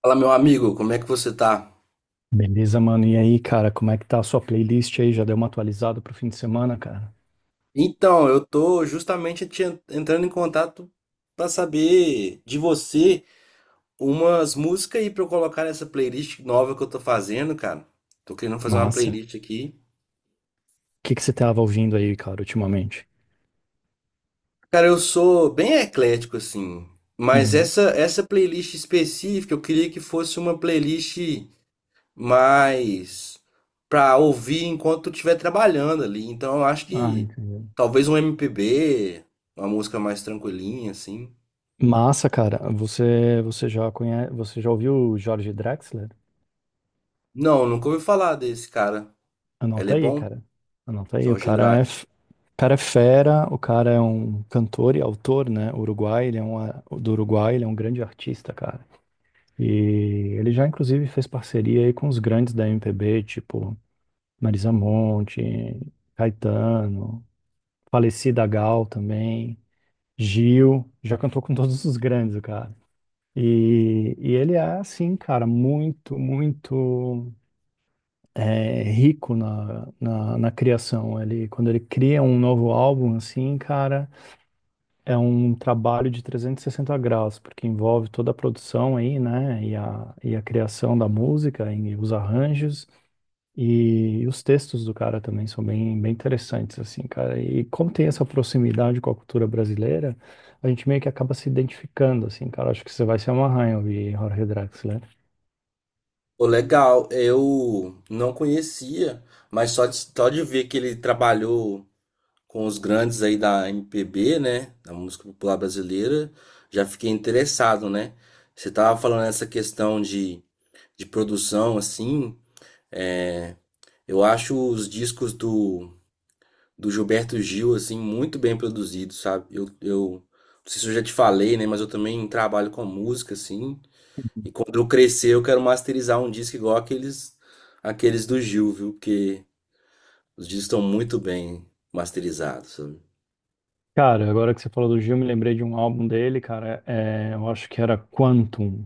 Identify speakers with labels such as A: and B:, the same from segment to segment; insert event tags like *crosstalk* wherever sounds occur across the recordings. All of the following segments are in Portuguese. A: Fala, meu amigo, como é que você tá?
B: Beleza, mano. E aí, cara, como é que tá a sua playlist aí? Já deu uma atualizada pro fim de semana, cara?
A: Então, eu tô justamente entrando em contato pra saber de você umas músicas aí pra eu colocar nessa playlist nova que eu tô fazendo, cara. Tô querendo fazer uma
B: Massa.
A: playlist aqui.
B: O que que você tava ouvindo aí, cara, ultimamente?
A: Cara, eu sou bem eclético assim, mas
B: Uhum.
A: essa playlist específica eu queria que fosse uma playlist mas pra ouvir enquanto eu estiver trabalhando ali. Então eu acho
B: Ah,
A: que
B: entendi.
A: talvez um MPB, uma música mais tranquilinha, assim.
B: Massa, cara. Você já conhece, você já ouviu o Jorge Drexler?
A: Não, nunca ouvi falar desse cara. Ele
B: Anota
A: é
B: aí,
A: bom?
B: cara. Anota aí. O
A: Jorge
B: cara é,
A: Drake.
B: o cara é fera, o cara é um cantor e autor, né? Uruguai, ele é um, do Uruguai, ele é um grande artista, cara. E ele já, inclusive, fez parceria aí com os grandes da MPB, tipo Marisa Monte, Caetano, falecida Gal também, Gil, já cantou com todos os grandes, o cara. E ele é, assim, cara, muito, muito rico na criação. Ele, quando ele cria um novo álbum, assim, cara, é um trabalho de 360 graus, porque envolve toda a produção aí, né, e a criação da música, e os arranjos. E os textos do cara também são bem, bem interessantes, assim, cara. E como tem essa proximidade com a cultura brasileira, a gente meio que acaba se identificando, assim, cara. Acho que você vai se amarrar em ouvir Jorge Drexler.
A: Pô, legal, eu não conhecia, mas só de ver que ele trabalhou com os grandes aí da MPB, né, da música popular brasileira, já fiquei interessado, né? Você tava falando essa questão de produção, assim, é, eu acho os discos do, do Gilberto Gil, assim, muito bem produzidos, sabe? Eu não sei se eu já te falei, né? Mas eu também trabalho com música, assim. E quando eu crescer, eu quero masterizar um disco igual aqueles, aqueles do Gil, viu? Porque os discos estão muito bem masterizados, sabe?
B: Cara, agora que você falou do Gil, me lembrei de um álbum dele, cara. Eu acho que era Quantum.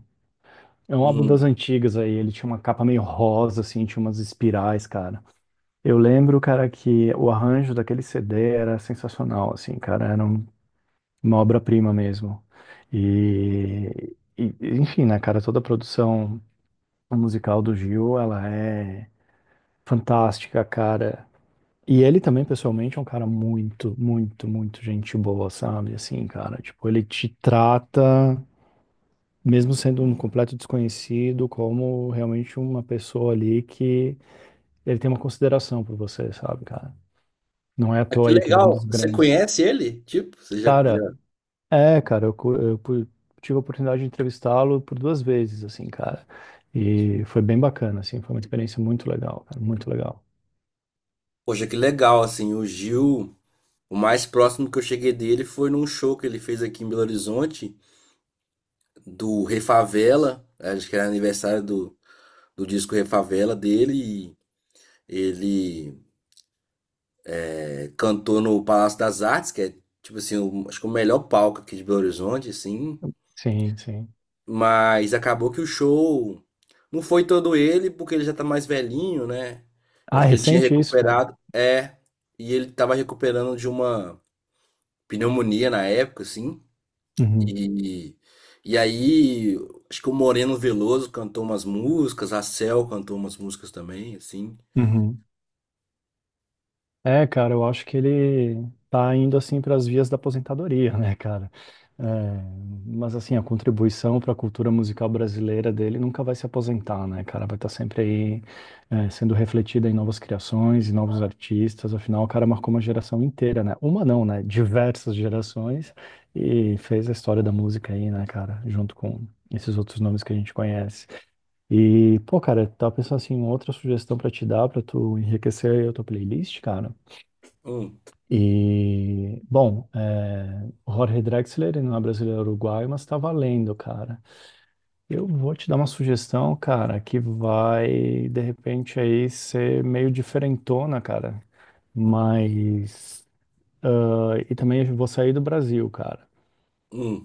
B: É um álbum das
A: Hum.
B: antigas aí. Ele tinha uma capa meio rosa, assim, tinha umas espirais, cara. Eu lembro, cara, que o arranjo daquele CD era sensacional, assim, cara. Uma obra-prima mesmo. Enfim, né, cara, toda a produção musical do Gil, ela é fantástica, cara. E ele também, pessoalmente, é um cara muito, muito, muito gente boa, sabe? Assim, cara, tipo, ele te trata, mesmo sendo um completo desconhecido, como realmente uma pessoa ali que ele tem uma consideração por você, sabe, cara? Não é à
A: Ah, que
B: toa aí que ele é um dos
A: legal! Você
B: grandes.
A: conhece ele? Tipo, você já,
B: Cara,
A: já...
B: É, cara, eu, co- eu pu- tive a oportunidade de entrevistá-lo por duas vezes, assim, cara. E foi bem bacana, assim, foi uma experiência muito legal, cara, muito legal.
A: Poxa, que legal, assim, o Gil, o mais próximo que eu cheguei dele foi num show que ele fez aqui em Belo Horizonte, do Refavela, acho que era aniversário do, do disco Refavela dele, e ele cantou no Palácio das Artes, que é tipo assim, acho que o melhor palco aqui de Belo Horizonte, assim,
B: Sim, sim.
A: mas acabou que o show não foi todo ele, porque ele já tá mais velhinho, né? Eu
B: Ah,
A: acho
B: é
A: que ele tinha
B: recente isso, cara?
A: recuperado, e ele tava recuperando de uma pneumonia na época, assim,
B: Uhum,
A: E, e aí, acho que o Moreno Veloso cantou umas músicas, a Cel cantou umas músicas também, assim.
B: uhum. É, cara, eu acho que ele tá indo assim para as vias da aposentadoria, *laughs* né, cara? É, mas assim, a contribuição para a cultura musical brasileira dele nunca vai se aposentar, né, cara? Vai estar sempre aí, sendo refletida em novas criações, em novos artistas. Afinal, o cara marcou uma geração inteira, né? Uma não, né? Diversas gerações e fez a história da música aí, né, cara? Junto com esses outros nomes que a gente conhece. E, pô, cara, tava pensando assim, outra sugestão para te dar, para tu enriquecer aí a tua playlist, cara.
A: Hum,
B: E, bom, é, o Jorge Drexler ele não é brasileiro, é uruguaio, mas tá valendo, cara. Eu vou te dar uma sugestão, cara, que vai, de repente, aí ser meio diferentona, cara. Mas. E também eu vou sair do Brasil, cara.
A: hum.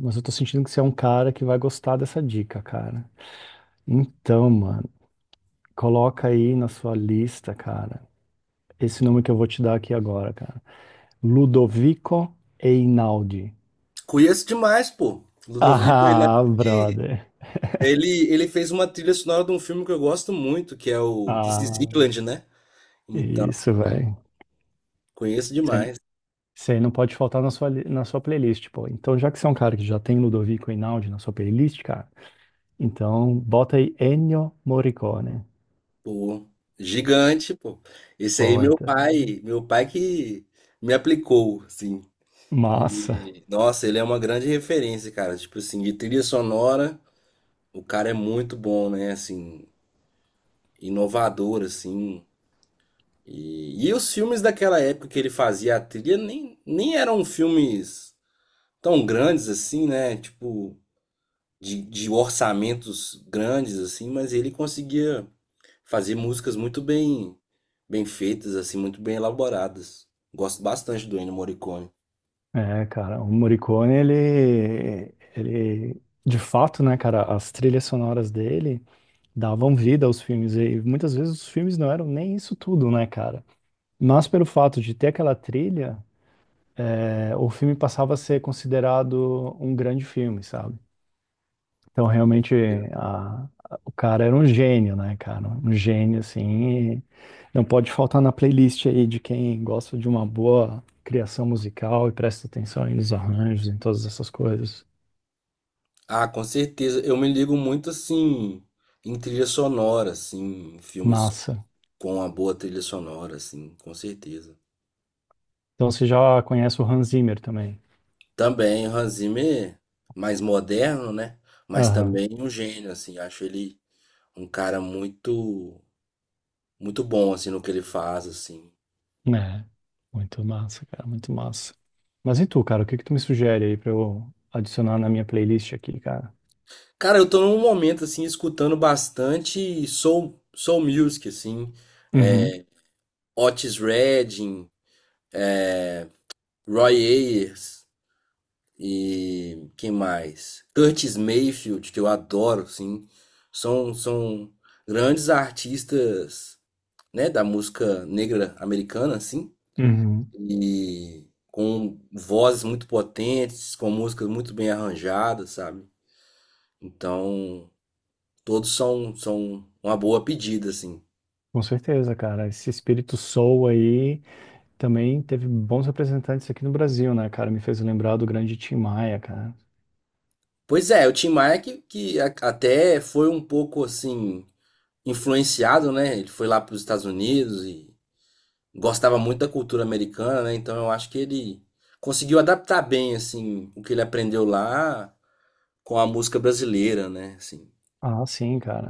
B: Mas eu tô sentindo que você é um cara que vai gostar dessa dica, cara. Então, mano, coloca aí na sua lista, cara, esse nome que eu vou te dar aqui agora, cara. Ludovico Einaudi.
A: Conheço demais, pô. Ludovico
B: Ah,
A: Einaudi,
B: brother.
A: ele fez uma trilha sonora de um filme que eu gosto muito, que é o This is
B: Ah,
A: England, né? Então,
B: isso, velho.
A: conheço demais,
B: Você não pode faltar na na sua playlist, pô. Então, já que você é um cara que já tem Ludovico Einaudi na sua playlist, cara, então bota aí Ennio Morricone.
A: pô. Gigante, pô. Esse aí,
B: Pô,
A: meu
B: então.
A: pai, meu pai que me aplicou, assim.
B: Massa.
A: E, nossa, ele é uma grande referência, cara. Tipo assim, de trilha sonora. O cara é muito bom, né? Assim, inovador, assim. E os filmes daquela época que ele fazia a trilha nem eram filmes tão grandes assim, né? Tipo, de orçamentos grandes, assim, mas ele conseguia fazer músicas muito bem, bem feitas, assim, muito bem elaboradas. Gosto bastante do Ennio Morricone.
B: É, cara, o Morricone, de fato, né, cara, as trilhas sonoras dele davam vida aos filmes e muitas vezes os filmes não eram nem isso tudo, né, cara? Mas pelo fato de ter aquela trilha, o filme passava a ser considerado um grande filme, sabe? Então, realmente, o cara era um gênio, né, cara? Um gênio, assim. Não pode faltar na playlist aí de quem gosta de uma boa criação musical e presta atenção aí nos arranjos, em todas essas coisas.
A: Ah, com certeza. Eu me ligo muito assim em trilha sonora, assim, em filmes
B: Massa.
A: com uma boa trilha sonora, assim, com certeza.
B: Então, você já conhece o Hans Zimmer também?
A: Também o Hans Zimmer, mais moderno, né? Mas
B: Aham.
A: também um gênio, assim. Acho ele um cara muito, muito bom, assim, no que ele faz, assim.
B: Né? Muito massa, cara, muito massa. Mas e tu, cara? O que que tu me sugere aí pra eu adicionar na minha playlist aqui, cara?
A: Cara, eu tô num momento, assim, escutando bastante soul, soul music, assim.
B: Uhum.
A: Otis Redding, é, Roy Ayers e quem mais? Curtis Mayfield, que eu adoro, assim. São grandes artistas, né, da música negra americana, assim,
B: Uhum.
A: e com vozes muito potentes, com músicas muito bem arranjadas, sabe? Então, todos são uma boa pedida, assim.
B: Com certeza, cara. Esse espírito soul aí também teve bons representantes aqui no Brasil, né, cara? Me fez lembrar do grande Tim Maia, cara.
A: Pois é, o Tim Maia que até foi um pouco, assim, influenciado, né? Ele foi lá para os Estados Unidos e gostava muito da cultura americana, né? Então, eu acho que ele conseguiu adaptar bem, assim, o que ele aprendeu lá com a música brasileira, né? Assim.
B: Ah, sim, cara.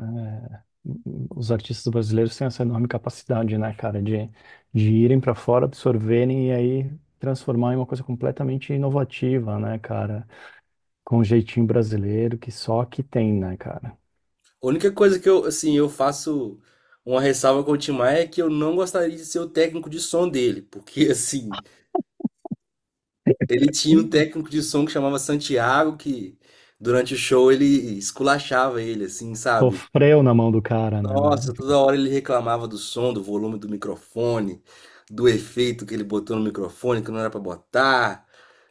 B: É, Os artistas brasileiros têm essa enorme capacidade, né, cara, de irem para fora, absorverem e aí transformar em uma coisa completamente inovativa, né, cara? Com um jeitinho brasileiro que só aqui tem, né, cara?
A: A única coisa que eu, assim, eu faço uma ressalva com o Tim Maia é que eu não gostaria de ser o técnico de som dele, porque, *laughs* assim, ele tinha um técnico de som que chamava Santiago, que durante o show ele esculachava ele, assim, sabe?
B: Sofreu na mão do cara, né, velho?
A: Nossa, toda hora ele reclamava do som, do volume do microfone, do efeito que ele botou no microfone que não era pra botar,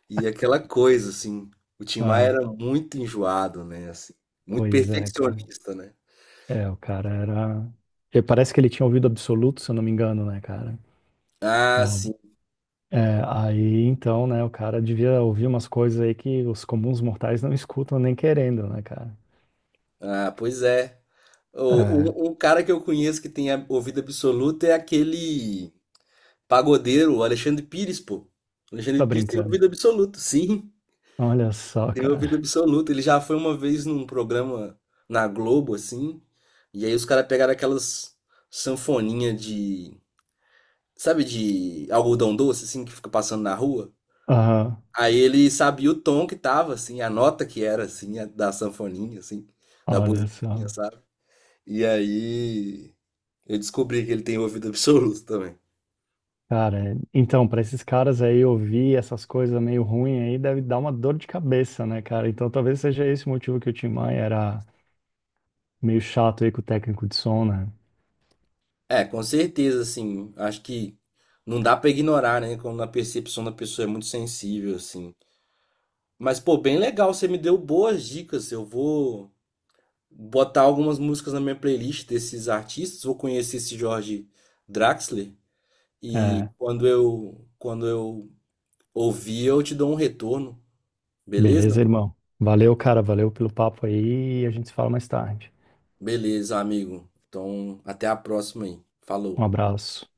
A: e aquela coisa, assim. O Tim Maia
B: Ah,
A: era muito enjoado, né, assim, muito
B: pois é, cara.
A: perfeccionista, né?
B: É, o cara era. Parece que ele tinha ouvido absoluto, se eu não me engano, né, cara? É,
A: Ah, sim.
B: aí então, né, o cara devia ouvir umas coisas aí que os comuns mortais não escutam nem querendo, né, cara?
A: Ah, pois é.
B: É,
A: O- um cara que eu conheço que ouvido absoluto é aquele pagodeiro, o Alexandre Pires, pô. O Alexandre
B: tá
A: Pires tem
B: brincando.
A: ouvido absoluto, sim,
B: Olha só,
A: tem ouvido
B: cara.
A: absoluto. Ele já foi uma vez num programa na Globo, assim, e aí os caras pegaram aquelas sanfoninhas de, sabe, de algodão doce, assim, que fica passando na rua.
B: Aham,
A: Aí ele sabia o tom que tava, assim, a nota que era, assim, da sanfoninha, assim, da
B: olha
A: buzininha,
B: só.
A: sabe? E aí, eu descobri que ele tem ouvido *laughs* absoluto também.
B: Cara, é, então, pra esses caras aí ouvir essas coisas meio ruins aí deve dar uma dor de cabeça, né, cara? Então talvez seja esse o motivo que o Tim Maia era meio chato aí com o técnico de som, né?
A: É, com certeza, assim. Acho que não dá pra ignorar, né? Quando a percepção da pessoa é muito sensível, assim. Mas, pô, bem legal. Você me deu boas dicas. Eu vou botar algumas músicas na minha playlist desses artistas. Vou conhecer esse Jorge Draxler. E
B: É.
A: quando eu ouvir, eu te dou um retorno. Beleza?
B: Beleza, irmão? Valeu, cara. Valeu pelo papo aí. A gente se fala mais tarde.
A: Beleza, amigo. Então, até a próxima aí.
B: Um
A: Falou.
B: abraço.